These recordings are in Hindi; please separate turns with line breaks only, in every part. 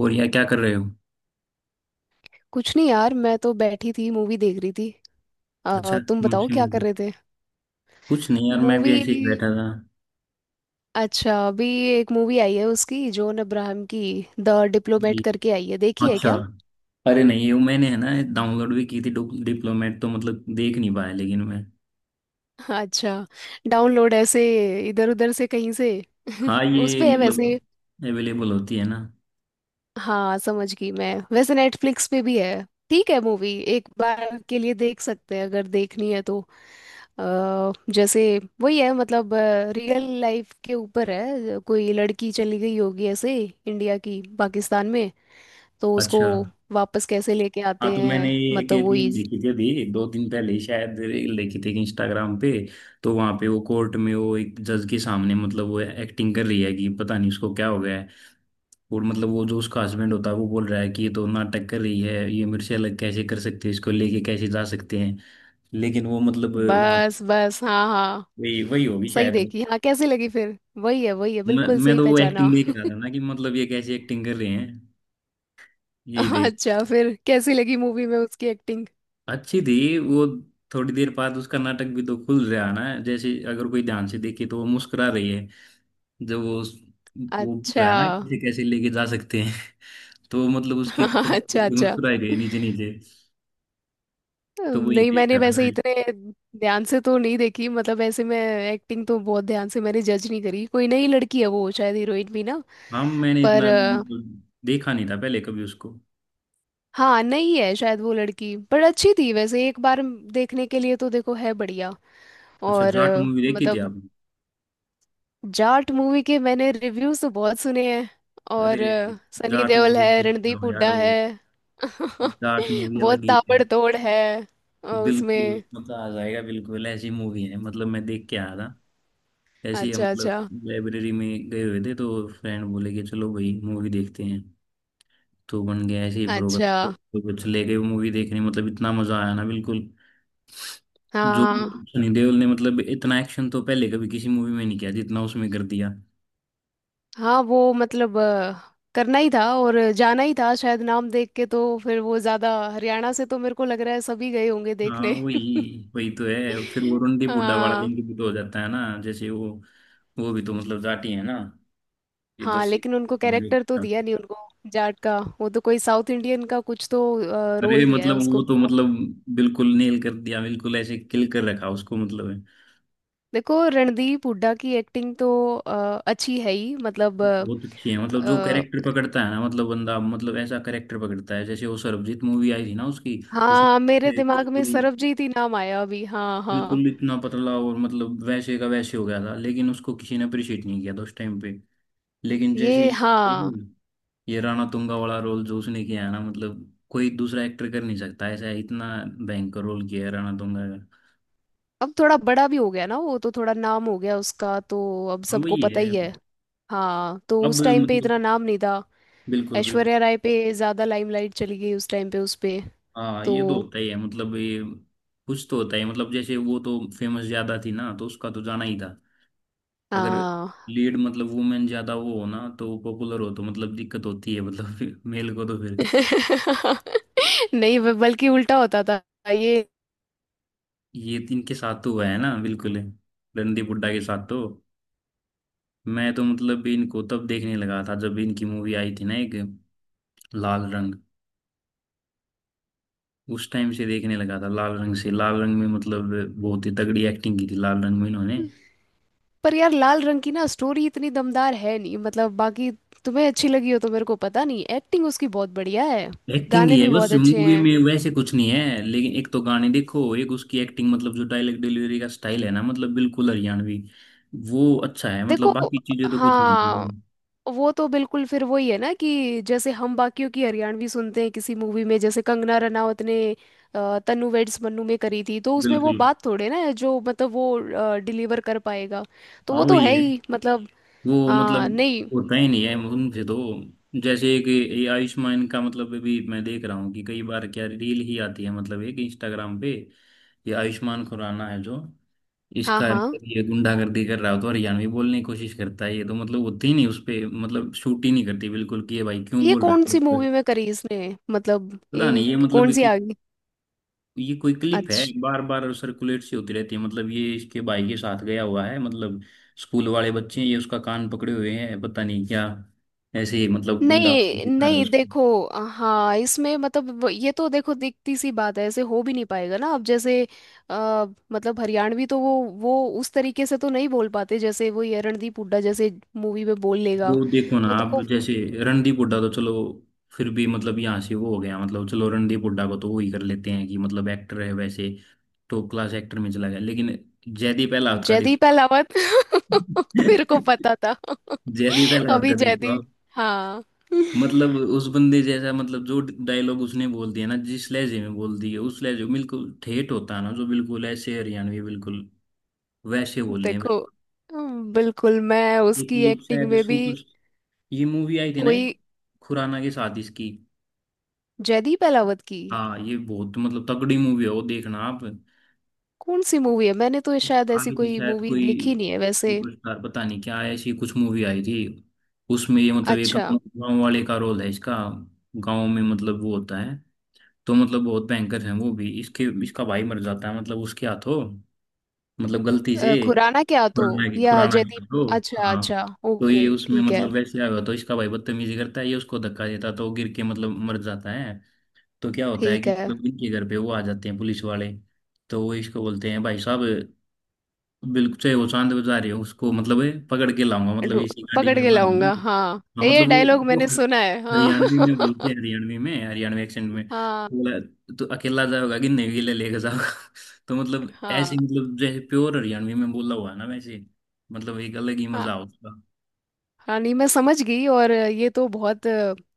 और यार क्या कर रहे हो।
कुछ नहीं यार, मैं तो बैठी थी मूवी देख रही थी।
अच्छा,
तुम
कौन
बताओ
सी
क्या कर
मूवी?
रहे थे।
कुछ नहीं यार, मैं भी
मूवी।
ऐसे ही बैठा था।
अच्छा, अभी एक मूवी आई है उसकी जॉन अब्राहम की, द
जी।
डिप्लोमेट करके आई है, देखी है
अच्छा।
क्या?
अरे नहीं, ये मैंने है ना डाउनलोड भी की थी। डिप्लोमेट तो मतलब देख नहीं पाया लेकिन मैं।
अच्छा, डाउनलोड ऐसे इधर उधर से कहीं से।
हाँ
उस
ये
पे है वैसे।
मतलब अवेलेबल होती है ना।
हाँ, समझ गई मैं, वैसे नेटफ्लिक्स पे भी है। ठीक है, मूवी एक बार के लिए देख सकते हैं अगर देखनी है तो। अ, जैसे वही है मतलब, रियल लाइफ के ऊपर है, कोई लड़की चली गई होगी ऐसे, इंडिया की पाकिस्तान में, तो उसको
अच्छा।
वापस कैसे लेके
हाँ
आते
तो मैंने
हैं
ये एक
मतलब वही।
रील देखी थी अभी दो दिन पहले ही, शायद रील देखी थी इंस्टाग्राम पे। तो वहां पे वो कोर्ट में वो एक जज के सामने मतलब वो एक्टिंग कर रही है कि पता नहीं उसको क्या हो गया। और मतलब वो जो उसका हस्बैंड होता है वो बोल रहा है कि ये तो नाटक कर रही है, ये मेरे से अलग कैसे कर सकते हैं, इसको लेके कैसे जा सकते हैं। लेकिन वो मतलब वहाँ
बस बस, हाँ हाँ।
वही वही होगी
सही
शायद वो।
देखी, हाँ। कैसी लगी फिर? वही है, वही है,
मैं,
बिल्कुल
मैं
सही
तो वो
पहचाना।
एक्टिंग देख रहा था ना कि मतलब ये कैसी एक्टिंग कर रहे हैं। यही देख।
अच्छा, फिर कैसी लगी मूवी में उसकी एक्टिंग?
अच्छी थी वो। थोड़ी देर बाद उसका नाटक भी तो खुल रहा है ना, जैसे अगर कोई ध्यान से देखे तो वो मुस्कुरा रही है जब वो बोल
अच्छा।
रहा है ना कैसे कैसे लेके जा सकते हैं। तो मतलब उसकी
अच्छा अच्छा,
मुस्कुराई गई नीचे नीचे। तो वही
नहीं
देख
मैंने
रहा
वैसे
था।
इतने ध्यान से तो नहीं देखी, मतलब ऐसे मैं एक्टिंग तो बहुत ध्यान से मैंने जज नहीं करी, कोई नई लड़की है वो शायद, हीरोइन भी ना।
हाँ मैंने
पर
इतना मतलब देखा नहीं था पहले कभी उसको।
हाँ नहीं है शायद वो लड़की, पर अच्छी थी वैसे, एक बार देखने के लिए तो देखो है बढ़िया।
अच्छा
और
जाट मूवी देखी थी
मतलब
आपने?
जाट मूवी के मैंने रिव्यूज तो बहुत सुने हैं,
अरे
और सनी
जाट
देओल
मूवी
है,
देखते
रणदीप
हो यार
हुड्डा
वो।
है।
जाट मूवी
बहुत
अलग ही है।
ताबड़तोड़ है।
बिल्कुल
उसमें।
मजा आ जाएगा, बिल्कुल ऐसी मूवी है मतलब मैं देख के आया था। ऐसी हम
अच्छा
मतलब
अच्छा।
लाइब्रेरी में गए हुए थे तो फ्रेंड बोले कि चलो भाई मूवी देखते हैं। तो बन गया ऐसे ही प्रोग्राम,
अच्छा।
तो कुछ ले गए मूवी देखने, मतलब इतना मजा आया ना बिल्कुल। जो
हाँ
सनी देओल ने मतलब इतना एक्शन तो पहले कभी किसी मूवी में नहीं किया जितना उसमें कर दिया।
हाँ, वो मतलब करना ही था और जाना ही था शायद, नाम देख के तो फिर वो ज्यादा हरियाणा से, तो मेरे को लग रहा है सभी गए होंगे
हाँ
देखने।
वही वही तो है, फिर वो रंडी बुड्ढा वाला
हाँ।
लिंग भी तो हो जाता है ना, जैसे वो भी तो मतलब जाटी है ना। ये
हाँ,
जैसे
लेकिन उनको कैरेक्टर तो दिया नहीं उनको जाट का, वो तो कोई साउथ इंडियन का कुछ तो
अरे
रोल दिया है
मतलब
उसको।
वो तो मतलब बिल्कुल नेल कर दिया, बिल्कुल ऐसे किल कर रखा उसको, मतलब है।
देखो रणदीप हुड्डा की एक्टिंग तो अच्छी है ही मतलब
बहुत अच्छी है, मतलब जो कैरेक्टर
अ,
पकड़ता है ना, मतलब बंदा मतलब ऐसा कैरेक्टर पकड़ता है, जैसे वो सरबजीत मूवी आई थी ना उसकी। उसमें
हाँ मेरे
ऐसे
दिमाग में
बिल्कुल
सरबजीत ही नाम आया अभी, हाँ हाँ।
बिल्कुल इतना पतला और मतलब वैसे का वैसे हो गया था, लेकिन उसको किसी ने अप्रिशिएट नहीं किया था उस टाइम पे। लेकिन जैसे
ये हाँ।
ये राणा तुंगा वाला रोल जो उसने किया है ना, मतलब कोई दूसरा एक्टर कर नहीं सकता ऐसा, इतना भयंकर रोल किया है राणा तुंगा का।
अब थोड़ा बड़ा भी हो गया ना वो, तो थोड़ा नाम हो गया उसका तो अब
हाँ
सबको
वही
पता
है।
ही है। हाँ, तो
अब
उस टाइम पे इतना
मतलब
नाम नहीं था,
बिल्कुल बिल्कुल।
ऐश्वर्या राय पे ज्यादा लाइमलाइट चली गई उस टाइम पे उस पे।
हाँ
तो
ये तो होता ही है, मतलब ये कुछ तो होता ही है, मतलब जैसे वो तो फेमस ज्यादा थी ना, तो उसका तो जाना ही था। अगर
हाँ।
लीड मतलब वुमेन ज्यादा वो हो ना, तो पॉपुलर हो, तो मतलब दिक्कत होती है मतलब मेल को तो फिर।
नहीं बल्कि उल्टा होता था ये।
ये इनके साथ तो हुआ है ना बिल्कुल, रणदीप हुड्डा के साथ तो। मैं तो मतलब भी इनको तब देखने लगा था जब इनकी मूवी आई थी ना एक, लाल रंग। उस टाइम से देखने लगा था, लाल रंग से, लाल रंग में मतलब बहुत ही तगड़ी एक्टिंग की थी लाल रंग में इन्होंने।
पर यार लाल रंग की ना स्टोरी इतनी दमदार है नहीं, मतलब बाकी तुम्हें अच्छी लगी हो तो, मेरे को पता नहीं, एक्टिंग उसकी बहुत बढ़िया है।
एक्टिंग
गाने
ही
भी
है बस,
बहुत अच्छे
मूवी
हैं।
में वैसे कुछ नहीं है, लेकिन एक तो गाने देखो, एक उसकी एक्टिंग, मतलब जो डायलॉग डिलीवरी का स्टाइल है ना मतलब बिल्कुल हरियाणवी। वो अच्छा है,
देखो
मतलब बाकी चीजें तो कुछ नहीं
हाँ,
है।
वो तो बिल्कुल फिर वही है ना, कि जैसे हम बाकियों की हरियाणवी सुनते हैं किसी मूवी में, जैसे कंगना रनावत ने तन्नू वेड्स मन्नू में करी थी, तो उसमें वो
बिल्कुल।
बात थोड़े ना है जो मतलब वो डिलीवर कर पाएगा, तो
हाँ
वो तो
वही
है
है।
ही मतलब।
वो मतलब
हाँ नहीं।
होता ही नहीं है उनसे तो। जैसे एक ये आयुष्मान का, मतलब अभी मैं देख रहा हूँ कि कई बार क्या रील ही आती है मतलब एक इंस्टाग्राम पे, ये आयुष्मान खुराना है जो,
हाँ
इसका
हाँ।
मतलब ये गुंडागर्दी कर रहा हो तो हरियाणवी बोलने की कोशिश करता है, ये तो मतलब होती ही नहीं उस पे मतलब शूट ही नहीं करती बिल्कुल कि ये भाई क्यों
ये
बोल
कौन
रहा
सी
है।
मूवी में करी इसने, मतलब
पता
ये
नहीं ये मतलब
कौन सी
कि
आ गई?
ये कोई क्लिप है,
अच्छा।
बार बार सर्कुलेट सी होती रहती है, मतलब ये इसके भाई के साथ गया हुआ है मतलब स्कूल वाले बच्चे हैं, ये उसका कान पकड़े हुए हैं, पता नहीं क्या ऐसे ही मतलब गुंडा
नहीं
दिखा रहा है
नहीं
उसको।
देखो, हाँ इसमें मतलब ये तो देखो दिखती सी बात है, ऐसे हो भी नहीं पाएगा ना, अब जैसे आ, मतलब हरियाणवी तो वो उस तरीके से तो नहीं बोल पाते, जैसे वो ये रणदीप हुड्डा जैसे मूवी में बोल लेगा।
वो देखो ना
तो
आप,
देखो
जैसे रणदीप हुड्डा तो चलो, फिर भी मतलब यहाँ से वो हो गया, मतलब चलो रणदीप हुड्डा को तो वो ही कर लेते हैं कि मतलब एक्टर है वैसे, टॉप क्लास एक्टर में चला गया, लेकिन जयदीप अहलावत का देखो।
जयदीप अहलावत, मेरे को पता था।
जयदीप अहलावत
अभी
का देखो
जयदीप, हाँ।
मतलब उस बंदे जैसा, मतलब जो डायलॉग उसने बोल दिया ना जिस लहजे में बोल दिए, उस लहजे में बिल्कुल ठेठ होता है ना, जो बिल्कुल ऐसे हरियाणवी बिल्कुल वैसे बोल रहे हैं
देखो
बिल्कुल।
बिल्कुल, मैं
एक
उसकी
वो
एक्टिंग
शायद
में भी
सुपर, ये मूवी आई थी ना
कोई
एक खुराना के साथ इसकी।
जयदीप अहलावत की
हाँ ये बहुत मतलब तगड़ी मूवी है, वो देखना आप।
कौन सी मूवी है, मैंने तो
एक
शायद ऐसी
आई थी
कोई
शायद
मूवी
कोई
देखी नहीं है वैसे।
सुपरस्टार, पता नहीं क्या ऐसी कुछ मूवी आई थी। उसमें ये मतलब ये
अच्छा
गाँव गाँव वाले का रोल है इसका, गाँव में मतलब वो होता है, तो मतलब बहुत भयंकर है। वो भी इसके, इसका भाई मर जाता है मतलब उसके हाथों, मतलब गलती से,
खुराना क्या तो
खुराना के,
या
खुराना के
जयदीप?
हाथों।
अच्छा
हाँ
अच्छा
तो ये
ओके
उसमें
ठीक है
मतलब वैसे आया हुआ तो इसका भाई बदतमीजी करता है, ये उसको धक्का देता है, तो गिर के मतलब मर जाता है। तो क्या होता है
ठीक
कि
है।
मतलब इनके घर पे वो आ जाते हैं पुलिस वाले, तो वो इसको बोलते हैं भाई साहब, बिल्कुल चाहे वो चांद पे जा रही हो उसको मतलब ये पकड़ के लाऊंगा, मतलब
ढू-
इसी गाड़ी
पकड़
में
के लाऊंगा,
बांधूंगी।
हाँ,
हाँ
ये
मतलब वो
डायलॉग
वो
मैंने
हर-
सुना है, हाँ।
हरियाणवी में बोलते हैं, हरियाणवी में, हरियाणवी एक्सेंट में
हाँ।
बोला। तो अकेला जाओगा कि नहीं, गिले लेके जाओगा। तो मतलब
हाँ
ऐसे, मतलब जैसे प्योर हरियाणवी में बोला हुआ है ना वैसे, मतलब एक अलग ही
हाँ
मजा उसका।
हाँ। नहीं, मैं समझ गई, और ये तो बहुत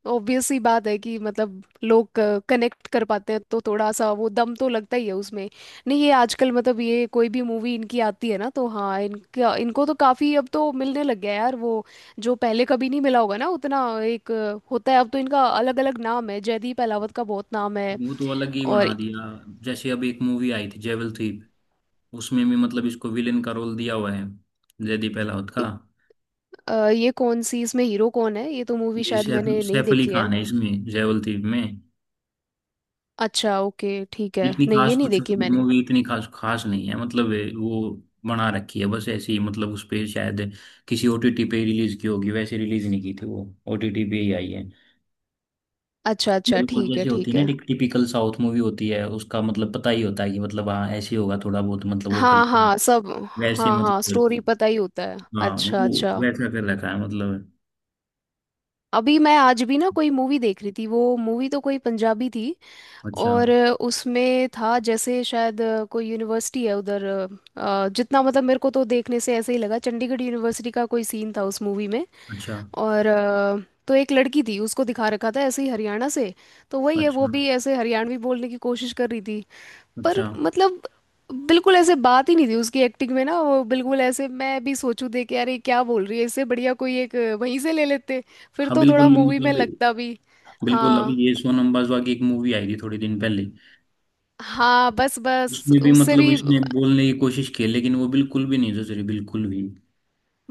ऑब्वियस सी बात है कि मतलब लोग कनेक्ट कर पाते हैं, तो थोड़ा सा वो दम तो लगता ही है उसमें। नहीं, ये आजकल मतलब ये कोई भी मूवी इनकी आती है ना, तो हाँ इनका इनको तो काफ़ी अब तो मिलने लग गया यार वो, जो पहले कभी नहीं मिला होगा ना उतना, एक होता है अब तो इनका, अलग अलग नाम है, जयदीप अहलावत का बहुत नाम है।
वो तो अलग ही
और
बना दिया। जैसे अब एक मूवी आई थी जेवल थीप, उसमें भी मतलब इसको विलेन का रोल दिया हुआ है जयदीप अहलावत का।
इ- ये कौन सी, इसमें हीरो कौन है? ये तो मूवी
ये
शायद
सैफ,
मैंने नहीं
सैफ अली
देखी है।
खान है इसमें जेवल थीप में।
अच्छा ओके ठीक है,
इतनी
नहीं ये
खास
नहीं
कुछ
देखी मैंने।
मूवी इतनी खास खास नहीं है, मतलब ये वो बना रखी है बस ऐसे ही, मतलब उस पे शायद किसी ओटीटी पे रिलीज की होगी, वैसे रिलीज नहीं की थी वो, ओटीटी पे ही आई है।
अच्छा अच्छा
मतलब वो
ठीक है
जैसे होती
ठीक
है
है।
ना टिपिकल साउथ मूवी होती है, उसका मतलब पता ही होता है कि मतलब हाँ ऐसे ही होगा, थोड़ा बहुत मतलब वो
हाँ
करते हैं,
हाँ सब,
वैसे ही
हाँ
मतलब
हाँ
करते
स्टोरी
हैं।
पता ही होता है,
हाँ
अच्छा
वो
अच्छा।
वैसा कर रखा है मतलब।
अभी मैं आज भी ना कोई मूवी देख रही थी, वो मूवी तो कोई पंजाबी थी,
अच्छा।
और उसमें था जैसे शायद कोई यूनिवर्सिटी है उधर, जितना मतलब मेरे को तो देखने से ऐसे ही लगा, चंडीगढ़ यूनिवर्सिटी का कोई सीन था उस मूवी में,
अच्छा।
और तो एक लड़की थी उसको दिखा रखा था ऐसे ही हरियाणा से, तो वही है, वो
अच्छा।
भी ऐसे हरियाणवी बोलने की कोशिश कर रही थी। पर
अच्छा।
मतलब बिल्कुल ऐसे बात ही नहीं थी उसकी एक्टिंग में ना, वो बिल्कुल ऐसे मैं भी सोचूं देख के, अरे क्या बोल रही है, इससे बढ़िया कोई एक वहीं से ले लेते, फिर
हाँ
तो थोड़ा
बिल्कुल
मूवी में लगता
मतलब
भी।
बिल्कुल। अभी
हाँ
ये सोनम बाजवा की एक मूवी आई थी थोड़े दिन पहले,
हाँ, बस बस
उसने भी
उससे
मतलब
भी।
इसने बोलने की कोशिश की, लेकिन वो बिल्कुल भी नहीं सुधरी, बिल्कुल भी।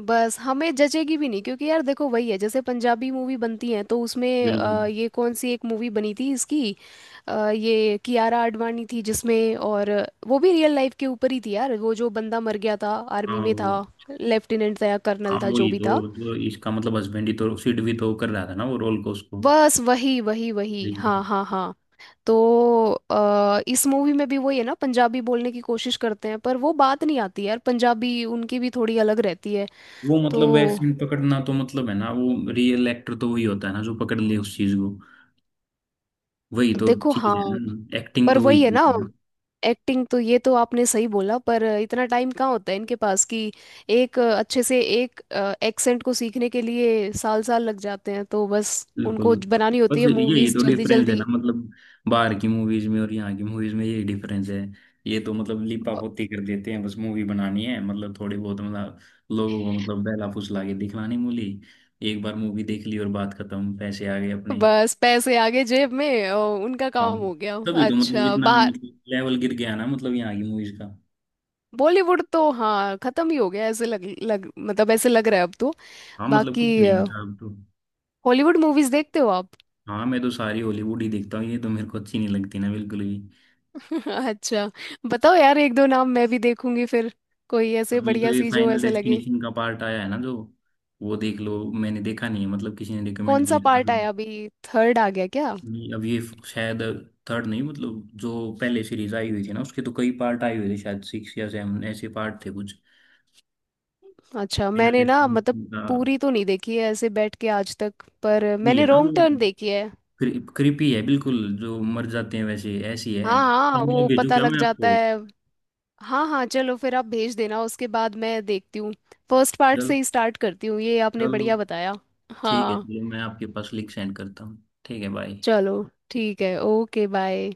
बस हमें जचेगी भी नहीं, क्योंकि यार देखो वही है, जैसे पंजाबी मूवी बनती है तो उसमें
बिल्कुल।
ये कौन सी एक मूवी बनी थी इसकी, ये कियारा आडवाणी थी जिसमें, और वो भी रियल लाइफ के ऊपर ही थी यार वो, जो बंदा मर गया था, आर्मी
हाँ
में था,
वो।
लेफ्टिनेंट था या कर्नल
हाँ
था जो
वही
भी था।
तो इसका मतलब हस्बैंड ही तो, सिड भी तो कर रहा था ना वो रोल को उसको।
बस वही वही वही, हाँ
लेकिन
हाँ हाँ। तो इस मूवी में भी वही है ना, पंजाबी बोलने की कोशिश करते हैं, पर वो बात नहीं आती यार, पंजाबी उनकी भी थोड़ी अलग रहती है।
वो
तो
मतलब वैसे पकड़ना तो मतलब है ना, वो रियल एक्टर तो वही होता है ना जो पकड़ ले उस चीज को, वही तो
देखो
चीज है
हाँ,
ना, एक्टिंग
पर
तो वही
वही है
थी।
ना, एक्टिंग तो ये तो आपने सही बोला, पर इतना टाइम कहाँ होता है इनके पास कि एक अच्छे से एक एक्सेंट को सीखने के लिए साल साल लग जाते हैं, तो बस
बिल्कुल।
उनको बनानी होती
बस
है
यही
मूवीज
तो
जल्दी
डिफरेंस है
जल्दी।
ना मतलब, बाहर की मूवीज में और यहाँ की मूवीज में यही डिफरेंस है। ये तो मतलब लिपा
ब-
पोती कर देते हैं, बस मूवी बनानी है, मतलब थोड़ी बहुत मतलब लोगों को मतलब बहला फुसला के दिखलानी मूली, एक बार मूवी देख ली और बात खत्म, पैसे आ गए अपने।
बस पैसे आगे जेब में और उनका
हाँ
काम हो गया।
तभी तो मतलब
अच्छा
इतना
बाहर
मतलब लेवल गिर गया ना मतलब यहाँ की मूवीज का।
बॉलीवुड तो हाँ खत्म ही हो गया, ऐसे लग लग मतलब, ऐसे लग रहा है अब तो।
हाँ मतलब
बाकी
कुछ नहीं बचा अब तो।
हॉलीवुड मूवीज देखते हो आप?
हाँ मैं तो सारी हॉलीवुड ही देखता हूँ, ये तो मेरे को अच्छी नहीं लगती ना बिल्कुल भी।
अच्छा, बताओ यार एक दो नाम मैं भी देखूंगी फिर, कोई ऐसे
अभी तो
बढ़िया
ये
सी जो
फाइनल
ऐसे लगे।
डेस्टिनेशन का पार्ट आया है ना जो, वो देख लो, मैंने देखा नहीं है, मतलब किसी ने
कौन
रिकमेंड
सा
किया है।
पार्ट
अभी
आया अभी, थर्ड आ गया क्या?
नहीं, अब ये शायद थर्ड नहीं, मतलब जो पहले सीरीज आई हुई थी ना उसके तो कई पार्ट आए हुए थे, शायद 6 या 7 ऐसे पार्ट थे कुछ,
अच्छा,
फाइनल
मैंने ना मतलब
डेस्टिनेशन का।
पूरी तो नहीं देखी है ऐसे बैठ के आज तक, पर
वही
मैंने
है ना
रॉन्ग
वो,
टर्न देखी है।
क्रिपी है बिल्कुल, जो मर जाते हैं वैसे ऐसी
हाँ
है,
हाँ, वो
मतलब भेजू
पता
क्या
लग
मैं
जाता
आपको?
है। हाँ हाँ, चलो फिर आप भेज देना उसके बाद मैं देखती हूँ, फर्स्ट पार्ट
चलो,
से ही स्टार्ट करती हूँ, ये आपने
चलो।
बढ़िया बताया।
ठीक है,
हाँ,
चलो मैं आपके पास लिंक सेंड करता हूँ। ठीक है, बाय।
चलो ठीक है ओके बाय।